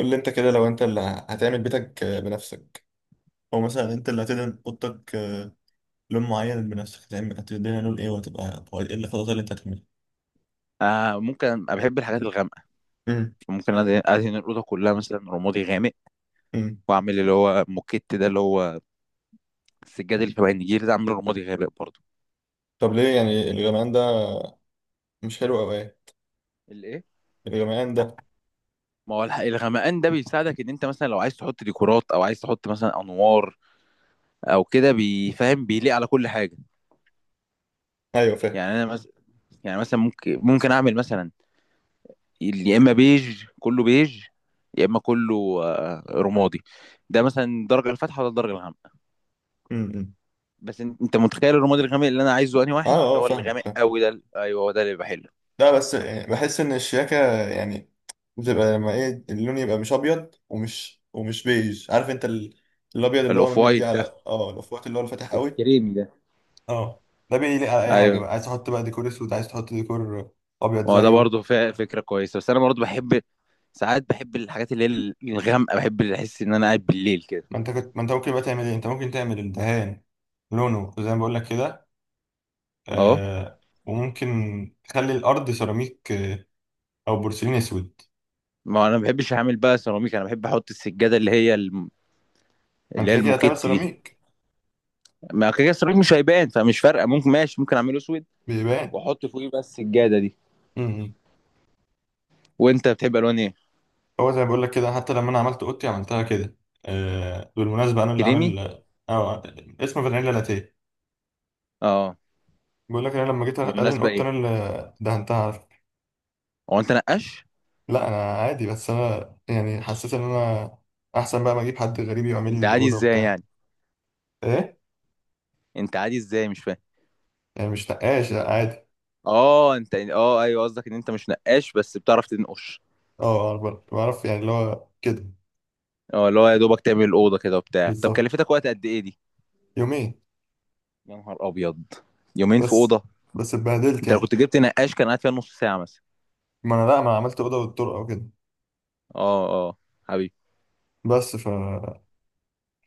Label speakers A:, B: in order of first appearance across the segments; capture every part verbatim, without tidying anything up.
A: قول لي انت كده لو انت اللي هتعمل بيتك بنفسك، او مثلا انت اللي هتدهن اوضتك لون معين بنفسك، هتعمل هتدهنها لون ايه، وهتبقى هو ايه الخطوات اللي انت هتعملها؟
B: آه ممكن انا بحب الحاجات الغامقه.
A: امم
B: ممكن أد- ادهن الاوضه كلها مثلا رمادي غامق.
A: امم
B: واعمل اللي هو موكيت ده، اللي هو السجاد اللي شبه النجيل ده، اعمله رمادي غامق برضه.
A: طب ليه يعني الغمقان ده؟ مش حلو او ايه؟
B: الايه؟
A: الغمقان ده.
B: ما هو الح- الغمقان ده بيساعدك ان انت مثلا لو عايز تحط ديكورات او عايز تحط مثلا انوار او كده، بيفهم، بيليق على كل حاجه.
A: ايوه فاهم.
B: يعني انا مثلا، يعني مثلا ممكن ممكن اعمل مثلا، ال- يا اما بيج كله بيج، يا اما كله آه، رمادي. ده مثلا الدرجه الفاتحه ولا الدرجه الغامقه؟
A: امم.
B: بس إن- انت متخيل الرماد الغامق اللي انا عايزه، انهي
A: اه
B: واحد؟ اللي
A: اه
B: هو
A: فاهم
B: الغامق
A: فاهم
B: قوي ده، ايوه، هو ده اللي بحله.
A: لا بس يعني بحس ان الشياكه يعني بتبقى لما ايه، اللون يبقى مش ابيض ومش ومش بيج، عارف انت ال- الابيض اللي هو
B: الاوف
A: مدي
B: وايت ده،
A: على اه الاوف وايت اللي هو الفاتح قوي.
B: الكريمي ده.
A: اه، ده بيليق على اي حاجه
B: ايوه،
A: بقى، عايز تحط بقى ديكور اسود، عايز تحط ديكور ابيض
B: هو ده
A: زيه.
B: برضه ف- فكره كويسه، بس انا برضه بحب ساعات، بحب الحاجات اللي هي الغامقه، بحب اللي احس ان انا قاعد بالليل كده.
A: ما انت كنت ما انت ممكن بقى تعمل ايه، انت ممكن تعمل الدهان لونه زي ما بقول لك كده.
B: اه،
A: آه، وممكن تخلي الارض سيراميك، آه، او بورسلين اسود.
B: ما انا ما بحبش اعمل بقى سيراميك، انا بحب احط السجاده اللي هي الم...
A: ما انت
B: اللي هي
A: كده كده هتعمل
B: الموكيت دي.
A: سيراميك.
B: ما كده كده السيراميك مش هيبان، فمش فارقه، ممكن، ماشي ممكن اعمله اسود،
A: بيبان.
B: واحط فوقيه بقى السجاده دي.
A: امم.
B: وانت بتحب الوان ايه؟
A: هو زي ما بقول لك كده، حتى لما انا عملت اوضتي عملتها كده. آه، بالمناسبه انا اللي
B: كريمي.
A: عامل اه آه، اسمه فانيلا لاتيه.
B: اه.
A: بقول لك انا لما جيت ادهن
B: بالمناسبه
A: اوضتي
B: ايه؟
A: انا اللي دهنتها.
B: هو انت نقاش؟
A: لا انا عادي، بس انا يعني حسيت ان انا احسن بقى ما اجيب حد غريب يعمل
B: انت
A: لي
B: عادي
A: الاوضه
B: ازاي
A: وبتاع.
B: يعني؟
A: ايه؟
B: انت عادي ازاي مش فاهم؟
A: يعني مش نقاش، لا عادي.
B: اه، انت، اه ايوه، قصدك ان انت مش نقاش بس بتعرف تنقش.
A: اه بعرف بعرف يعني اللي هو كده.
B: اه، اللي هو يا دوبك تعمل الاوضه كده وبتاع. طب
A: بالظبط.
B: كلفتك وقت قد ايه دي؟
A: يومين
B: يا نهار ابيض! يومين في
A: بس.
B: اوضه!
A: بس اتبهدلت
B: انت لو
A: يعني.
B: كنت جبت نقاش كان قاعد فيها نص ساعه مثلا.
A: ما انا لا، ما أنا عملت اوضه والطرقه وكده.
B: اه، اه، حبيبي.
A: بس ف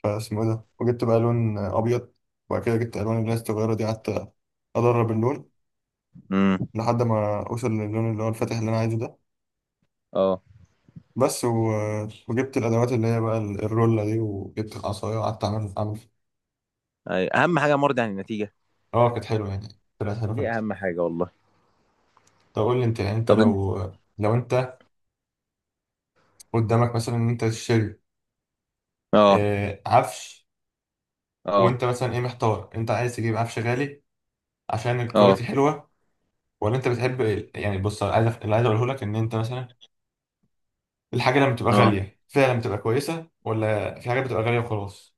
A: فاسمه ايه ده، وجبت بقى لون ابيض، وبعد كده جبت الوان اللي هي الصغيره دي، قعدت ادرب اللون
B: امم.
A: لحد ما اوصل للون اللي هو الفاتح اللي انا عايزه ده.
B: اه.
A: بس و... وجبت الادوات اللي هي بقى الرولة دي، وجبت العصايه وقعدت اعمل اعمل.
B: أي. اهم حاجه مرضي عن النتيجه.
A: اه كانت حلوه يعني، طلعت حلوه في
B: دي
A: الاخر.
B: اهم حاجه والله.
A: طب قول لي انت، يعني انت
B: طب انت،
A: لو لو انت قدامك مثلا ان انت تشتري،
B: اه،
A: آه، عفش،
B: اه،
A: وانت مثلا ايه، محتار انت عايز تجيب عفش غالي عشان الكواليتي
B: اه،
A: حلوه، ولا انت بتحب ال- يعني بص، أنا عايز أف- اللي عايز اقوله لك ان انت مثلا الحاجه لما بتبقى
B: اه،
A: غاليه فعلا بتبقى كويسه، ولا في حاجات بتبقى غاليه وخلاص.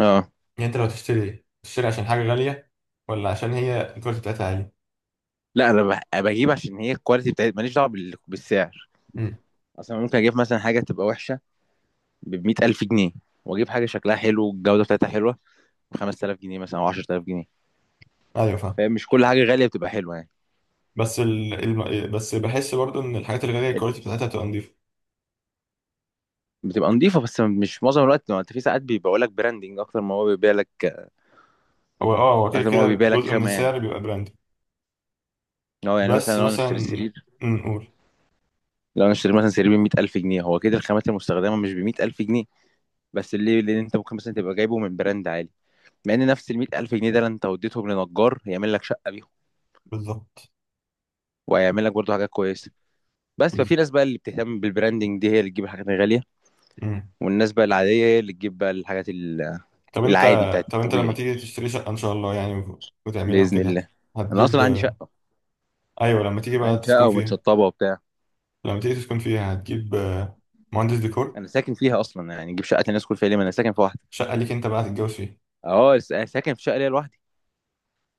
B: اه،
A: يعني انت لو تشتري، تشتري عشان حاجه غاليه، ولا عشان هي الكواليتي بتاعتها عاليه؟
B: لا انا بح- بجيب عشان هي الكواليتي بتاعت، ماليش دعوه بال- بالسعر.
A: امم.
B: اصلا ممكن اجيب مثلا حاجه تبقى وحشه ب مائة ألف جنيه، واجيب حاجه شكلها حلو والجوده بتاعتها حلوه ب خمس تلاف جنيه مثلا، او عشر تلاف جنيه.
A: ايوه فاهم.
B: فاهم؟ مش كل حاجه غاليه بتبقى حلوه يعني.
A: بس ال... الم... بس بحس برضو ان الحاجات الغاليه الكواليتي
B: ال-
A: بتاعتها بتبقى نضيفة.
B: بتبقى نظيفه، بس مش معظم الوقت، ما انت في ساعات بيبيعوا لك براندنج اكتر ما هو بيبيع لك،
A: هو اه، هو كده
B: اكتر ما هو
A: كده
B: بيبيع لك
A: جزء من
B: خامه يعني.
A: السعر بيبقى براند.
B: هو يعني
A: بس
B: مثلا لو انا
A: مثلا،
B: اشتري سرير،
A: أمم، نقول.
B: لو انا اشتري مثلا سرير ب مائة ألف جنيه، هو كده الخامات المستخدمه مش ب مائة ألف جنيه. بس ليه؟ لان انت ممكن مثلا تبقى جايبه من براند عالي، مع ان نفس ال مية الف جنيه ده لو انت وديتهم لنجار هيعمل لك شقه بيهم،
A: بالظبط.
B: وهيعمل لك برضه حاجات كويسه. بس ففي
A: بالظبط.
B: ناس بقى اللي بتهتم بالبراندنج دي، هي اللي تجيب الحاجات الغاليه،
A: مم.
B: والناس بقى العادية هي اللي تجيب بقى الحاجات ال-
A: طب انت،
B: العادي بتاعت
A: طب انت لما
B: الطبيعي.
A: تيجي تشتري شقة ان شاء الله يعني، وت- وتعملها
B: بإذن
A: وكده،
B: الله. أنا
A: هتجيب
B: أصلا عندي
A: آه،.
B: شقة.
A: ايوه لما تيجي بقى
B: عندي
A: تسكن
B: شقة
A: فيها،
B: ومتشطبة وبتاع.
A: لما تيجي تسكن فيها هتجيب آه، مهندس ديكور؟
B: أنا ساكن فيها أصلا يعني، أجيب شقة الناس كل فيها ليه، ما أنا ساكن في واحدة.
A: شقة ليك انت بقى هتتجوز فيها؟
B: أه، س- أنا ساكن في شقة ليا لوحدي.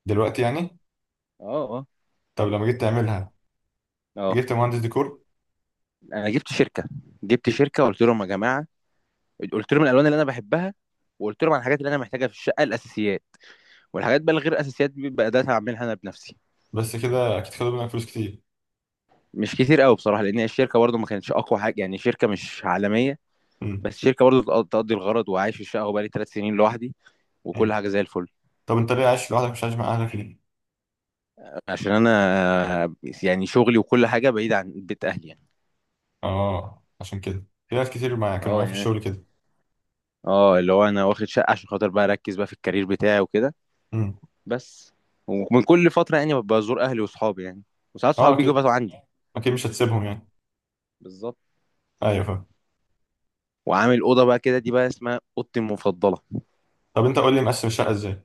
A: دلوقتي يعني؟
B: أه. أه.
A: طب لما جيت تعملها
B: أه.
A: جبت مهندس ديكور؟
B: أنا جبت شركة جبت شركة وقلت لهم يا جماعة، قلت لهم الألوان اللي أنا بحبها، وقلت لهم على الحاجات اللي أنا محتاجها في الشقة، الأساسيات، والحاجات بقى الغير أساسيات دي بقى، ده هعملها أنا بنفسي.
A: بس كده اكيد خدوا منك فلوس كتير.
B: مش كتير قوي بصراحة، لأن الشركة برضه ما كانتش أقوى حاجة يعني، شركة مش عالمية.
A: مم.
B: بس الشركه برضه تقضي الغرض، وعايش في الشقه وبقالي ثلاث سنين لوحدي، وكل
A: مم.
B: حاجه زي الفل.
A: طب انت ليه عايش لوحدك، مش عايش مع اهلك ليه؟
B: عشان انا يعني شغلي وكل حاجه بعيد عن بيت اهلي يعني.
A: اه عشان كده، في ناس كتير معايا كانوا
B: اه
A: معايا في
B: يعني،
A: الشغل
B: اه اللي هو انا واخد شقه عشان خاطر بقى اركز بقى في الكارير بتاعي وكده.
A: كده.
B: بس ومن كل فتره يعني ببقى ازور اهلي واصحابي يعني، وساعات صحابي
A: اه
B: بيجوا
A: اكيد،
B: يباتوا عندي.
A: اكيد مش هتسيبهم يعني.
B: بالظبط.
A: ايوه فاهم.
B: وعامل اوضه بقى كده، دي بقى اسمها اوضتي المفضله.
A: طب انت قول لي مقسم الشقه ازاي؟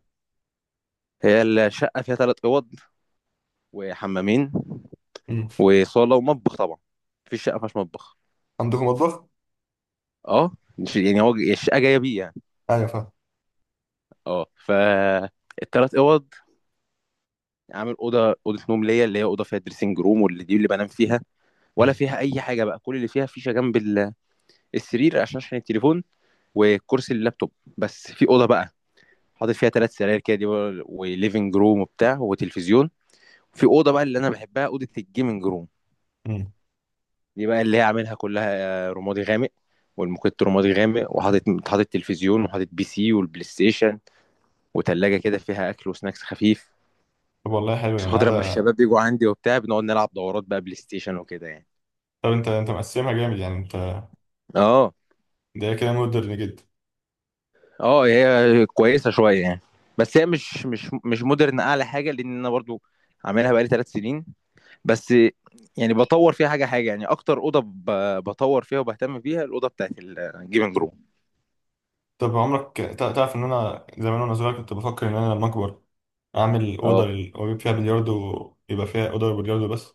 B: هي الشقه فيها ثلاث اوض وحمامين
A: مم.
B: وصاله ومطبخ طبعا. مفيش شقه ما فيهاش مطبخ.
A: عندكم مطبخ؟
B: اه، مش- يعني هو الشقه جايه بيه يعني.
A: ايوه فاهم.
B: اه، فالتلات اوض عامل: اوضه اوضه نوم ليا، اللي هي اوضه فيها دريسنج روم، واللي دي اللي بنام فيها. ولا
A: مم.
B: فيها اي حاجه بقى، كل اللي فيها فيشه جنب ال- السرير، عشان عشان التليفون، وكرسي اللابتوب. بس في اوضه بقى حاطط فيها ثلاث سراير كده، دي بقى- وليفنج روم وبتاع وتلفزيون. في اوضه بقى اللي انا بحبها، اوضه الجيمنج روم.
A: مم.
B: دي بقى اللي هي عاملها كلها آه، رمادي غامق، والموكيت رمادي غامق، وحاطط، حاطط تلفزيون، وحاطط بي سي والبلاي ستيشن، وتلاجه كده فيها اكل وسناكس خفيف،
A: طب والله حلو
B: عشان
A: يعني
B: خاطر لما
A: هذا.
B: الشباب بيجوا عندي وبتاع بنقعد نلعب دورات بقى بلاي ستيشن وكده يعني.
A: طب انت، انت مقسمها جامد يعني انت،
B: اه.
A: ده كده مودرن جدا.
B: اه، هي كويسه شويه يعني، بس هي مش مش مش مودرن اعلى حاجه، لان انا برضو عاملها بقالي ثلاث سنين بس. يعني بطور فيها حاجه حاجه يعني، اكتر اوضه ب- بطور فيها وبهتم بيها الاوضه بتاعت الجيمنج روم.
A: طب عمرك تع- تعرف ان انا زمان وانا صغير كنت بفكر ان انا لما اكبر اعمل اوضه
B: اه،
A: لل- واجيب فيها بلياردو، يبقى فيها اوضه بلياردو بس.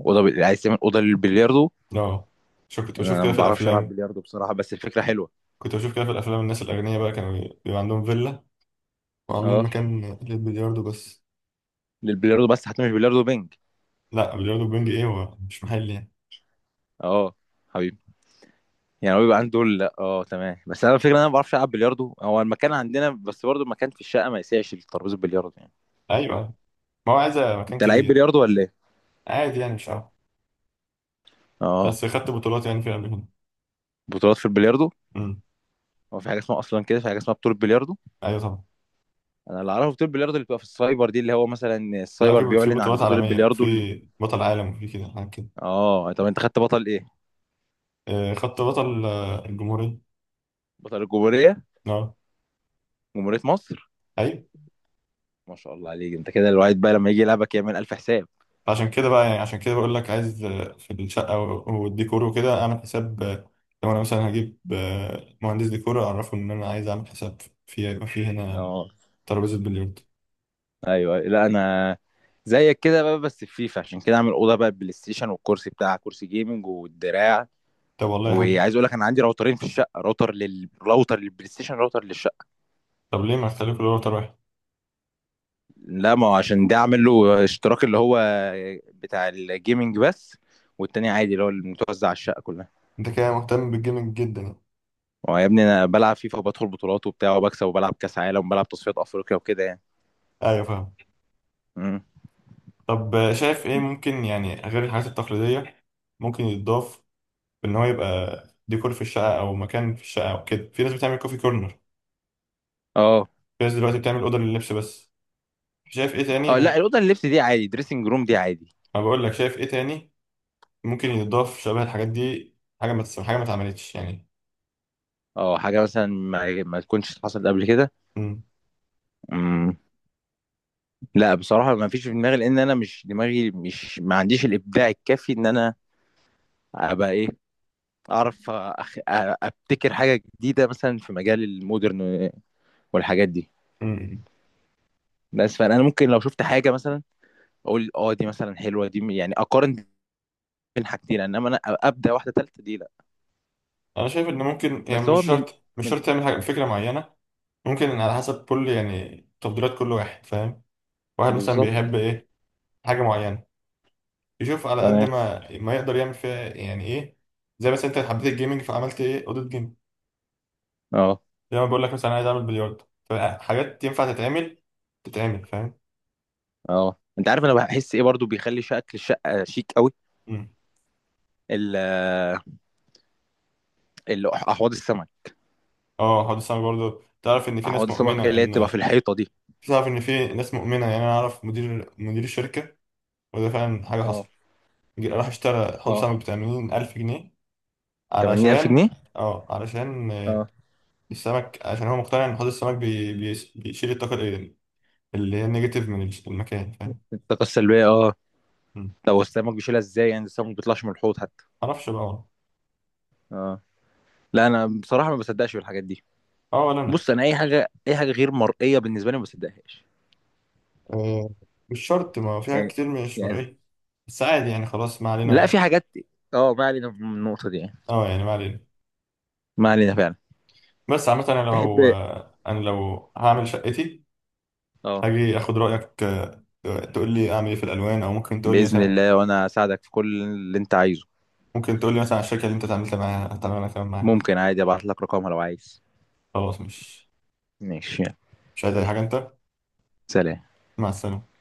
B: اوضه ب- عايز تعمل اوضه للبلياردو؟
A: اه، شو كنت بشوف
B: انا
A: كده
B: ما
A: في
B: بعرفش العب
A: الافلام،
B: بلياردو بصراحه، بس الفكره حلوه.
A: كنت بشوف كده في الافلام الناس الاغنياء بقى كانوا بيبقى عندهم فيلا وعاملين
B: اه،
A: مكان للبلياردو بس.
B: للبلياردو بس، هتعمل بلياردو بينج؟
A: لا بلياردو بينج ايه، هو مش محل يعني.
B: اه، حبيبي. يعني هو بيبقى عنده دول، لا، اه، تمام، بس انا الفكره إن انا ما بعرفش العب بلياردو، هو المكان عندنا بس، برضه المكان في الشقه ما يسعش للترابيزه البلياردو يعني.
A: ايوه، ما هو عايز مكان
B: انت لعيب
A: كبير.
B: بلياردو ولا ايه؟
A: عادي يعني، مش عارف.
B: اه.
A: بس خدت بطولات يعني في قبل كده.
B: بطولات في البلياردو؟
A: امم.
B: هو في حاجه اسمها اصلا كده، في حاجه اسمها بطوله بلياردو؟
A: ايوه طبعا.
B: انا اللي اعرفه بطوله بلياردو اللي بتبقى في السايبر دي، اللي هو مثلا
A: لا
B: السايبر
A: في، في
B: بيعلن عن
A: بطولات
B: بطوله
A: عالميه،
B: بلياردو اللي…
A: في بطل عالم، وفي كده حاجات كده.
B: اه، طب انت خدت بطل ايه؟
A: آه، خدت بطل آه، الجمهوريه.
B: بطل الجمهوريه.
A: اه.
B: جمهوريه مصر.
A: ايوه.
B: ما شاء الله عليك، انت كده الواحد بقى لما يجي يلعبك يعمل الف حساب.
A: عشان كده بقى يعني، عشان كده بقول لك عايز آه، في الشقه و- والديكور وكده اعمل حساب، آه، لو انا مثلا هجيب آه، مهندس ديكور اعرفه ان انا عايز اعمل حساب، في يبقى في هنا
B: اه،
A: ترابيزه بلياردو.
B: ايوه، لا انا زيك كده بقى، بس في فيفا، عشان كده عامل اوضه بقى بلاي ستيشن، والكرسي بتاع كرسي جيمنج والدراع.
A: طب والله حلو.
B: وعايز اقول لك، انا عندي راوترين في الشقه، راوتر لل راوتر للبلاي ستيشن، راوتر للشقه.
A: طب ليه ما اختلفوا اللي هو واحد؟
B: لا، ما هو عشان ده عامل له اشتراك اللي هو بتاع الجيمنج بس، والتاني عادي اللي هو المتوزع على الشقه كلها.
A: انت كده مهتم بالجيمنج جدا يعني.
B: هو يا ابني، انا بلعب فيفا وبدخل بطولات وبتاع وبكسب، وبلعب كاس عالم وبلعب تصفيات افريقيا وكده يعني.
A: ايوه فاهم.
B: امم.
A: طب شايف ايه ممكن، يعني غير الحاجات التقليدية ممكن يتضاف، ان هو يبقى ديكور في الشقة او مكان في الشقة او كده، في ناس بتعمل كوفي كورنر،
B: اه.
A: في ناس دلوقتي بتعمل أوضة لللبس بس، شايف ايه تاني
B: اه، لا
A: ممكن؟
B: الاوضه اللي لبس دي عادي، دريسنج روم دي عادي.
A: ما بقول لك، شايف ايه تاني ممكن يتضاف شبه الحاجات دي، حاجة ما تس- حاجة ما اتعملتش يعني.
B: اه، حاجه مثلا ما, ما تكونش حصلت قبل كده.
A: امم
B: مم. لا بصراحة ما فيش في دماغي، لأن أنا مش، دماغي مش، ما عنديش الإبداع الكافي إن أنا أبقى إيه، أعرف أخ... أ- أبتكر حاجة جديدة مثلا في مجال المودرن والحاجات دي.
A: امم
B: بس فأنا ممكن لو شفت حاجة مثلا أقول أه دي مثلا حلوة، دي م- يعني أقارن بين حاجتين، إنما أنا أ- أبدأ واحدة تالتة دي، لا.
A: انا شايف ان ممكن يعني،
B: بس هو
A: مش
B: من
A: شرط مش
B: من
A: شرط تعمل حاجة فكرة معينة، ممكن على حسب كل، يعني تفضيلات كل واحد، فاهم. واحد مثلا
B: بالظبط.
A: بيحب ايه حاجة معينة، يشوف على قد
B: تمام.
A: ما ما يقدر يعمل فيها يعني ايه. زي مثلا انت حبيت الجيمنج فعملت ايه اوضه جيم،
B: أه.
A: زي ما بقول لك مثلا عايز اعمل بلياردو، فحاجات ينفع تتعمل، تتعمل فاهم.
B: أه، أنت عارف أنا بحس إيه برضو بيخلي شكل الشقة شيك أوي؟
A: مم.
B: ال... ال- أحواض السمك.
A: اه، هقعد السنه برضه، تعرف ان في
B: أحواض
A: ناس
B: السمك
A: مؤمنه
B: اللي هي بتبقى في
A: ان،
B: الحيطة دي.
A: تعرف ان في ناس مؤمنه، يعني انا اعرف مدير، مدير الشركه، وده فعلا حاجه
B: اه.
A: حصلت، جه- راح اشترى حوض
B: اه.
A: سمك ب ثمانين الف جنيه،
B: 80000
A: علشان،
B: جنيه
A: اه علشان آه،
B: اه،
A: السمك، عشان هو مقتنع ان حوض السمك بي... بي... بيشيل الطاقه ال- اللي هي النيجاتيف من المكان، فاهم؟
B: الطاقة السلبية. اه، طب السمك بيشيلها ازاي يعني؟ السمك ما بيطلعش من الحوض حتى.
A: معرفش بقى والله.
B: اه. لا انا بصراحة ما بصدقش في الحاجات دي.
A: اه، ولا انا.
B: بص انا اي حاجة، اي حاجة غير مرئية بالنسبة لي ما بصدقهاش.
A: آه، مش شرط، ما في حاجات
B: يعني
A: كتير مش
B: يعني
A: مرئية، بس عادي يعني خلاص ما
B: لا في
A: علينا.
B: حاجات. اه، ما علينا من النقطة دي يعني.
A: اه يعني ما علينا.
B: ما علينا فعلا.
A: بس عامة انا
B: تحب؟
A: لو، انا لو هعمل شقتي
B: اه،
A: هاجي اخد رأيك، آه، تقول لي اعمل ايه في الالوان، او ممكن تقول لي
B: بإذن
A: مثلا،
B: الله، وانا اساعدك في كل اللي انت عايزه.
A: ممكن تقول لي مثلا على الشركة اللي انت اتعاملت معاها هتعمل انا كمان معاها.
B: ممكن عادي ابعت لك رقمها لو عايز.
A: خلاص، مش
B: ماشي. يلا.
A: مش عايز اي حاجة انت.
B: سلام.
A: مع السلامة.